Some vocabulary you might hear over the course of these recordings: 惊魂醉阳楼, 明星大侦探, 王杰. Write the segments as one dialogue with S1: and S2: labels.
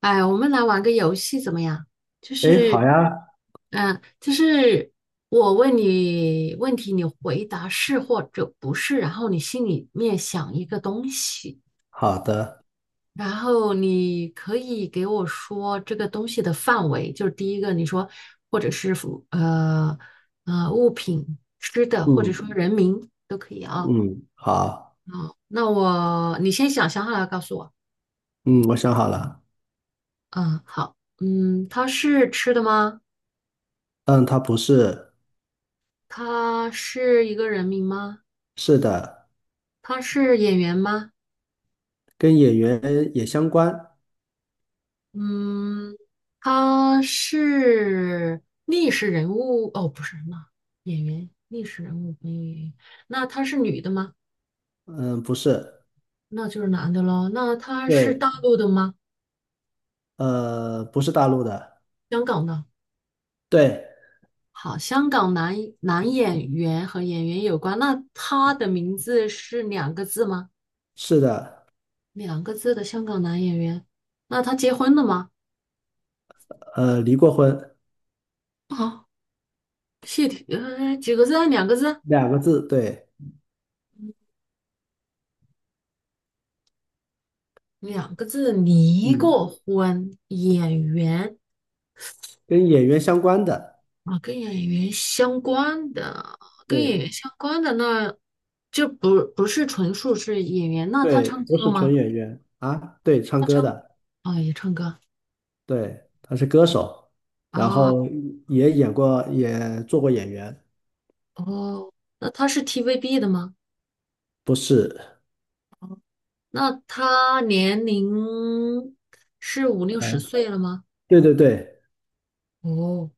S1: 哎，我们来玩个游戏怎么样？就
S2: 哎，好
S1: 是，
S2: 呀。
S1: 就是我问你问题，你回答是或者不是，然后你心里面想一个东西，
S2: 好的。
S1: 然后你可以给我说这个东西的范围，就是第一个你说，或者是物品、吃的，或者说
S2: 嗯
S1: 人名都可以。
S2: 嗯。好。
S1: 那你先想想好了告诉我。
S2: 嗯，我想好了。
S1: 嗯，好。嗯，它是吃的吗？
S2: 嗯，他不是。
S1: 它是一个人名吗？
S2: 是的。
S1: 他是演员吗？
S2: 跟演员也相关。
S1: 嗯，他是历史人物哦，不是那演员，历史人物没有演员。那他是女的吗？
S2: 嗯，不是。
S1: 那就是男的喽。那他是
S2: 对，
S1: 大陆的吗？
S2: 不是大陆的。
S1: 香港的。
S2: 对。
S1: 好，香港男演员和演员有关。那他的名字是两个字吗？
S2: 是的。
S1: 两个字的香港男演员。那他结婚了吗？
S2: 离过婚。
S1: 啊，谢霆，几个字？两个字？
S2: 两个字，对。
S1: 两个字离
S2: 嗯，
S1: 过婚，演员。
S2: 跟演员相关的。
S1: 啊，跟演员相关的，跟演
S2: 对
S1: 员相关的。那就不是纯属是演员，那他唱
S2: 对，不
S1: 歌
S2: 是
S1: 吗？
S2: 纯演员啊，对，唱歌的。
S1: 啊，也唱歌。
S2: 对，他是歌手，然
S1: 啊，
S2: 后也演过，也做过演员。
S1: 哦，那他是 TVB 的吗？
S2: 不是。
S1: 那他年龄是五六十岁了吗？
S2: 对对对。
S1: 哦，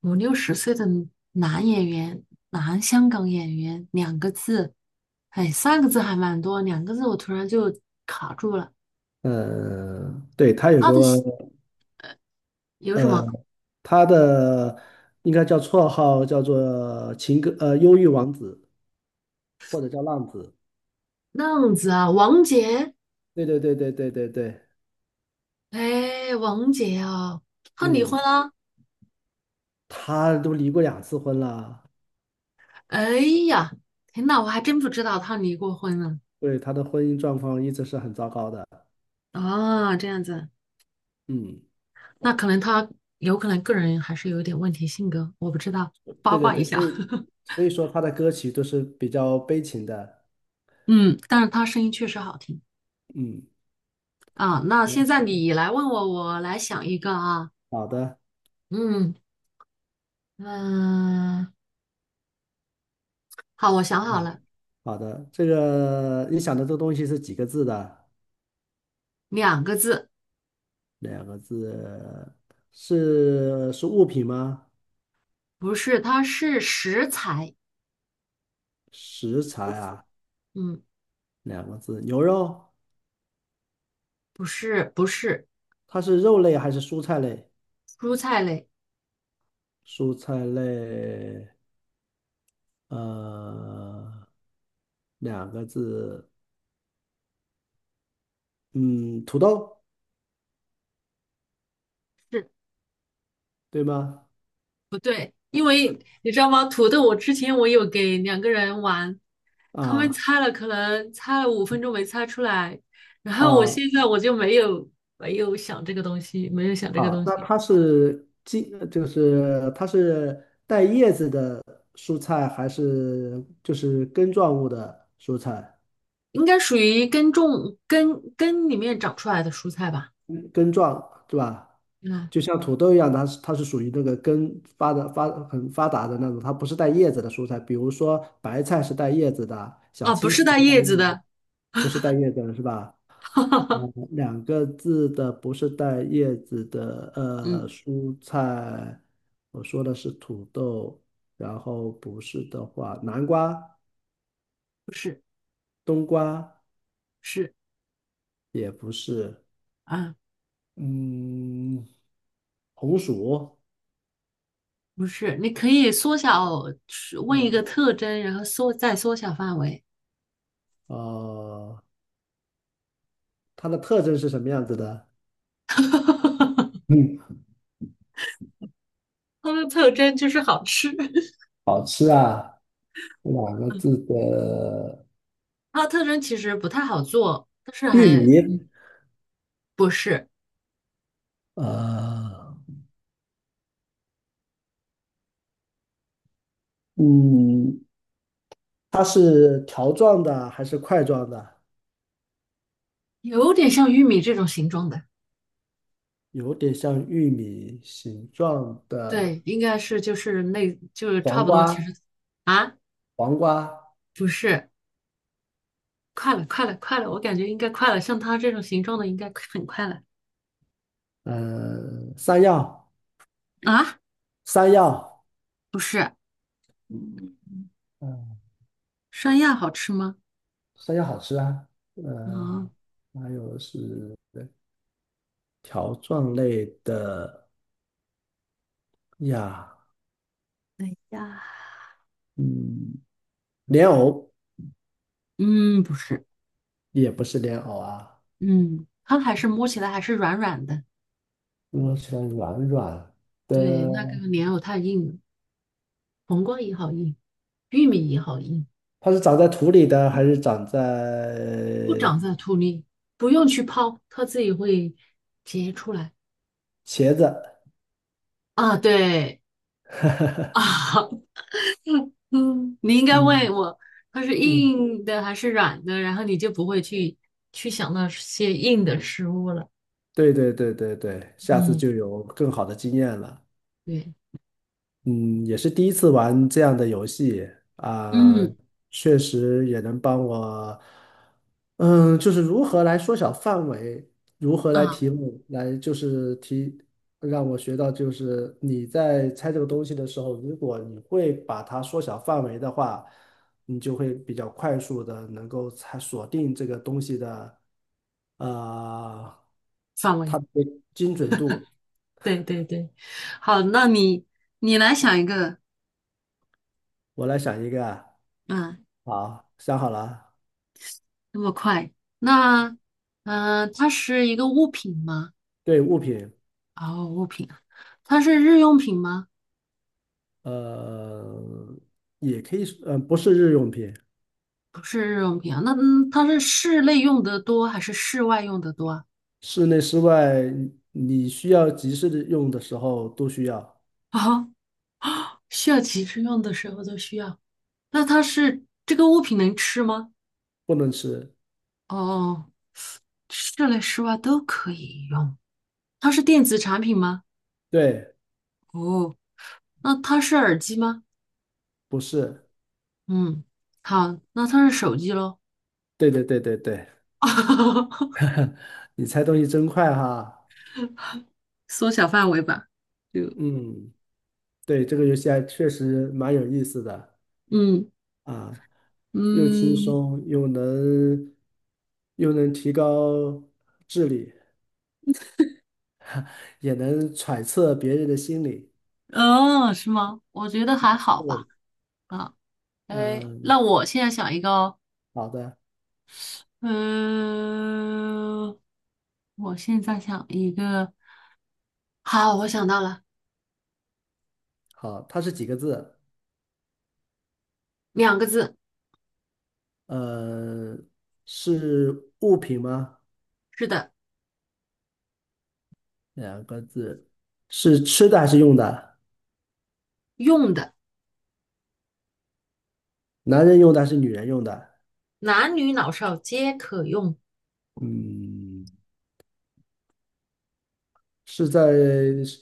S1: 五六十岁的男演员，男香港演员，两个字。哎，三个字还蛮多，两个字我突然就卡住了。
S2: 嗯，对，他有
S1: 他的
S2: 个
S1: 戏有什
S2: 呃，
S1: 么
S2: 他的应该叫绰号叫做情歌忧郁王子或者叫浪子。
S1: 浪子啊？王杰。
S2: 对对对对对对对。
S1: 哎，王杰啊，他离
S2: 嗯，
S1: 婚了。
S2: 他都离过两次婚了。
S1: 哎呀，天呐，我还真不知道他离过婚呢。
S2: 对，他的婚姻状况一直是很糟糕的。
S1: 啊，这样子。
S2: 嗯。
S1: 那可能他有可能个人还是有点问题性格，我不知道，八
S2: 对对
S1: 卦一
S2: 对，
S1: 下。
S2: 所以 说他的歌曲都是比较悲情的。
S1: 嗯，但是他声音确实好听。
S2: 嗯。
S1: 啊，那现在
S2: 嗯，
S1: 你来问我，我来想一个啊。
S2: 好的。
S1: 嗯。嗯，好，我想好
S2: 嗯，
S1: 了。
S2: 好的。这个你想的这个东西是几个字的？
S1: 两个字。
S2: 两个字，是物品吗？
S1: 不是，它是食材。
S2: 食材啊，
S1: 嗯。
S2: 两个字。牛肉。
S1: 不是，不是。
S2: 它是肉类还是蔬菜类？
S1: 蔬菜类。
S2: 蔬菜类。呃，两个字，嗯，土豆，
S1: 是
S2: 对吗？
S1: 不对，因为你知道吗？土豆，我之前我有给两个人玩，他们
S2: 啊
S1: 猜了，可能猜了五分钟没猜出来，然后我现
S2: 啊，
S1: 在我就没有想这个东西，没有想这个
S2: 好，
S1: 东
S2: 那
S1: 西。
S2: 它是茎，就是它是带叶子的蔬菜，还是就是根状物的蔬菜？
S1: 应该属于根种根根里面长出来的蔬菜吧？
S2: 根状，对吧？
S1: 嗯。
S2: 就像土豆一样，它是它是属于那个根发的很发达的那种，它不是带叶子的蔬菜。比如说白菜是带叶子的，小
S1: 啊，不
S2: 青菜
S1: 是
S2: 是
S1: 带叶
S2: 带叶
S1: 子
S2: 子。
S1: 的。
S2: 不是带叶子的是吧？嗯，两个字的不是带叶子的
S1: 嗯，
S2: 蔬菜，我说的是土豆，然后不是的话，南瓜、
S1: 不是。
S2: 冬瓜
S1: 是。
S2: 也不是。
S1: 啊，
S2: 嗯，红薯。
S1: 不是。你可以缩小，问一个
S2: 嗯，
S1: 特征，然后再缩小范围。
S2: 呃。它的特征是什么样子的？嗯，
S1: 它的特征就是好吃。
S2: 两个字的，
S1: 它的特征其实不太好做，但是
S2: 玉米。
S1: 不是。
S2: 呃，嗯，它是条状的还是块状的？
S1: 有点像玉米这种形状的。
S2: 有点像玉米形状的。
S1: 对，应该是就是那就是
S2: 黄
S1: 差不多，其
S2: 瓜，
S1: 实。啊，
S2: 黄瓜。
S1: 不是。快了，快了，快了！我感觉应该快了，像它这种形状的应该很快了。
S2: 嗯、山药，
S1: 啊？
S2: 山药。
S1: 不是。嗯，
S2: 嗯、
S1: 山药好吃吗？
S2: 山药好吃啊。
S1: 啊
S2: 呃，还有是条状类的呀。
S1: 呀。
S2: 嗯，莲藕，
S1: 嗯，不是。
S2: 也不是莲藕啊。
S1: 嗯，它还是摸起来还是软软的。
S2: 摸起来软软
S1: 对，那个
S2: 的，
S1: 莲藕太硬了，黄瓜也好硬，玉米也好硬。
S2: 它是长在土里的还是长在，
S1: 不长在土里，不用去泡，它自己会结出来。
S2: 茄子？
S1: 啊，对。啊，嗯，嗯，你应该问
S2: 嗯
S1: 我，它是
S2: 嗯，
S1: 硬的还是软的，然后你就不会去想那些硬的食物了。
S2: 对对对对对，下次
S1: 嗯，
S2: 就有更好的经验了。
S1: 对。
S2: 嗯，也是第一次玩这样的游戏啊，
S1: 嗯，
S2: 确实也能帮我，嗯，就是如何来缩小范围，如何来
S1: 啊，
S2: 题目，来就是提，让我学到就是你在猜这个东西的时候，如果你会把它缩小范围的话，你就会比较快速的能够猜锁定这个东西的，呃，
S1: 范围。
S2: 它的精准度。
S1: 对对对，好，那你来想一个。
S2: 我来想一个啊，
S1: 嗯，
S2: 好，想好了啊。
S1: 那么快。那，它是一个物品吗？
S2: 对，物品。
S1: 哦，物品啊。它是日用品吗？
S2: 呃，也可以是，不是日用品。
S1: 不是日用品啊。那嗯，它是室内用的多还是室外用的多啊？
S2: 室内室外，你需要及时的用的时候都需要。
S1: 啊，需要急着用的时候都需要。那它是这个物品能吃吗？
S2: 不能吃。
S1: 哦，室内室外都可以用。它是电子产品吗？
S2: 对。
S1: 哦，那它是耳机吗？
S2: 不是。
S1: 嗯，好，那它是手机喽。
S2: 对对对对对，你猜东西真快哈。
S1: 缩小范围吧，就。
S2: 嗯，对，这个游戏还确实蛮有意思的
S1: 嗯
S2: 啊，又轻
S1: 嗯。
S2: 松，又能又能提高智力，也能揣测别人的心理。
S1: 哦，是吗？我觉得还好
S2: 对。
S1: 吧。啊，哎，
S2: 嗯，
S1: 那我现在想一个哦。
S2: 好的。
S1: 嗯、我现在想一个。好，我想到了。
S2: 好，它是几个字？
S1: 两个字。
S2: 呃，是物品吗？
S1: 是的。
S2: 两个字，是吃的还是用的？
S1: 用的。
S2: 男人用的还是女人用的？
S1: 男女老少皆可用。
S2: 嗯，是在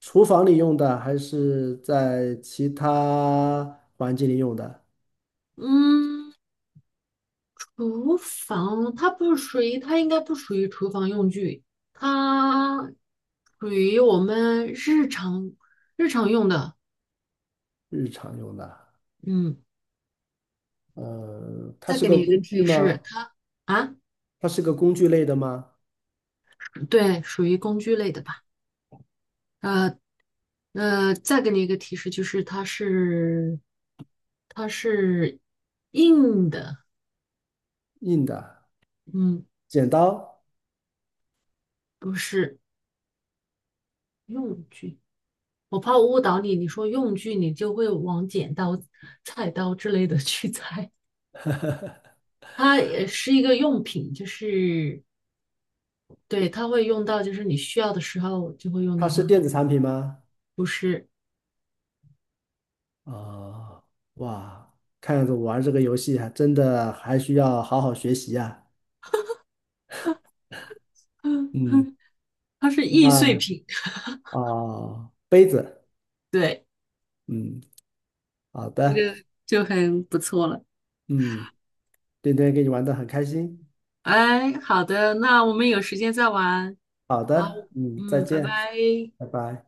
S2: 厨房里用的，还是在其他环境里用的？
S1: 嗯，厨房它不属于，它应该不属于厨房用具，它属于我们日常用的。
S2: 日常用的。
S1: 嗯，
S2: 它
S1: 再
S2: 是
S1: 给
S2: 个
S1: 你一个
S2: 工具
S1: 提示，
S2: 吗？
S1: 它。啊，
S2: 它是个工具类的吗？
S1: 对，属于工具类的吧？呃再给你一个提示，就是它是硬的。
S2: 硬的，
S1: 嗯，
S2: 剪刀。
S1: 不是。用具。我怕我误导你，你说用具，你就会往剪刀、菜刀之类的去 猜。它也是一个用品，就是对，它会用到，就是你需要的时候就会用
S2: 它
S1: 到
S2: 是
S1: 它。
S2: 电子产品吗？
S1: 不是。
S2: 啊，哇，看样子玩这个游戏还真的还需要好好学习呀。
S1: 嗯
S2: 嗯，
S1: 嗯。它是易碎
S2: 那，
S1: 品。
S2: 啊，杯子。
S1: 对，
S2: 嗯，好
S1: 这
S2: 的。
S1: 个就很不错了。
S2: 嗯，今天跟你玩的很开心。
S1: 哎，好的，那我们有时间再玩。
S2: 好
S1: 好，
S2: 的，嗯，再
S1: 嗯，拜
S2: 见，
S1: 拜。
S2: 拜拜。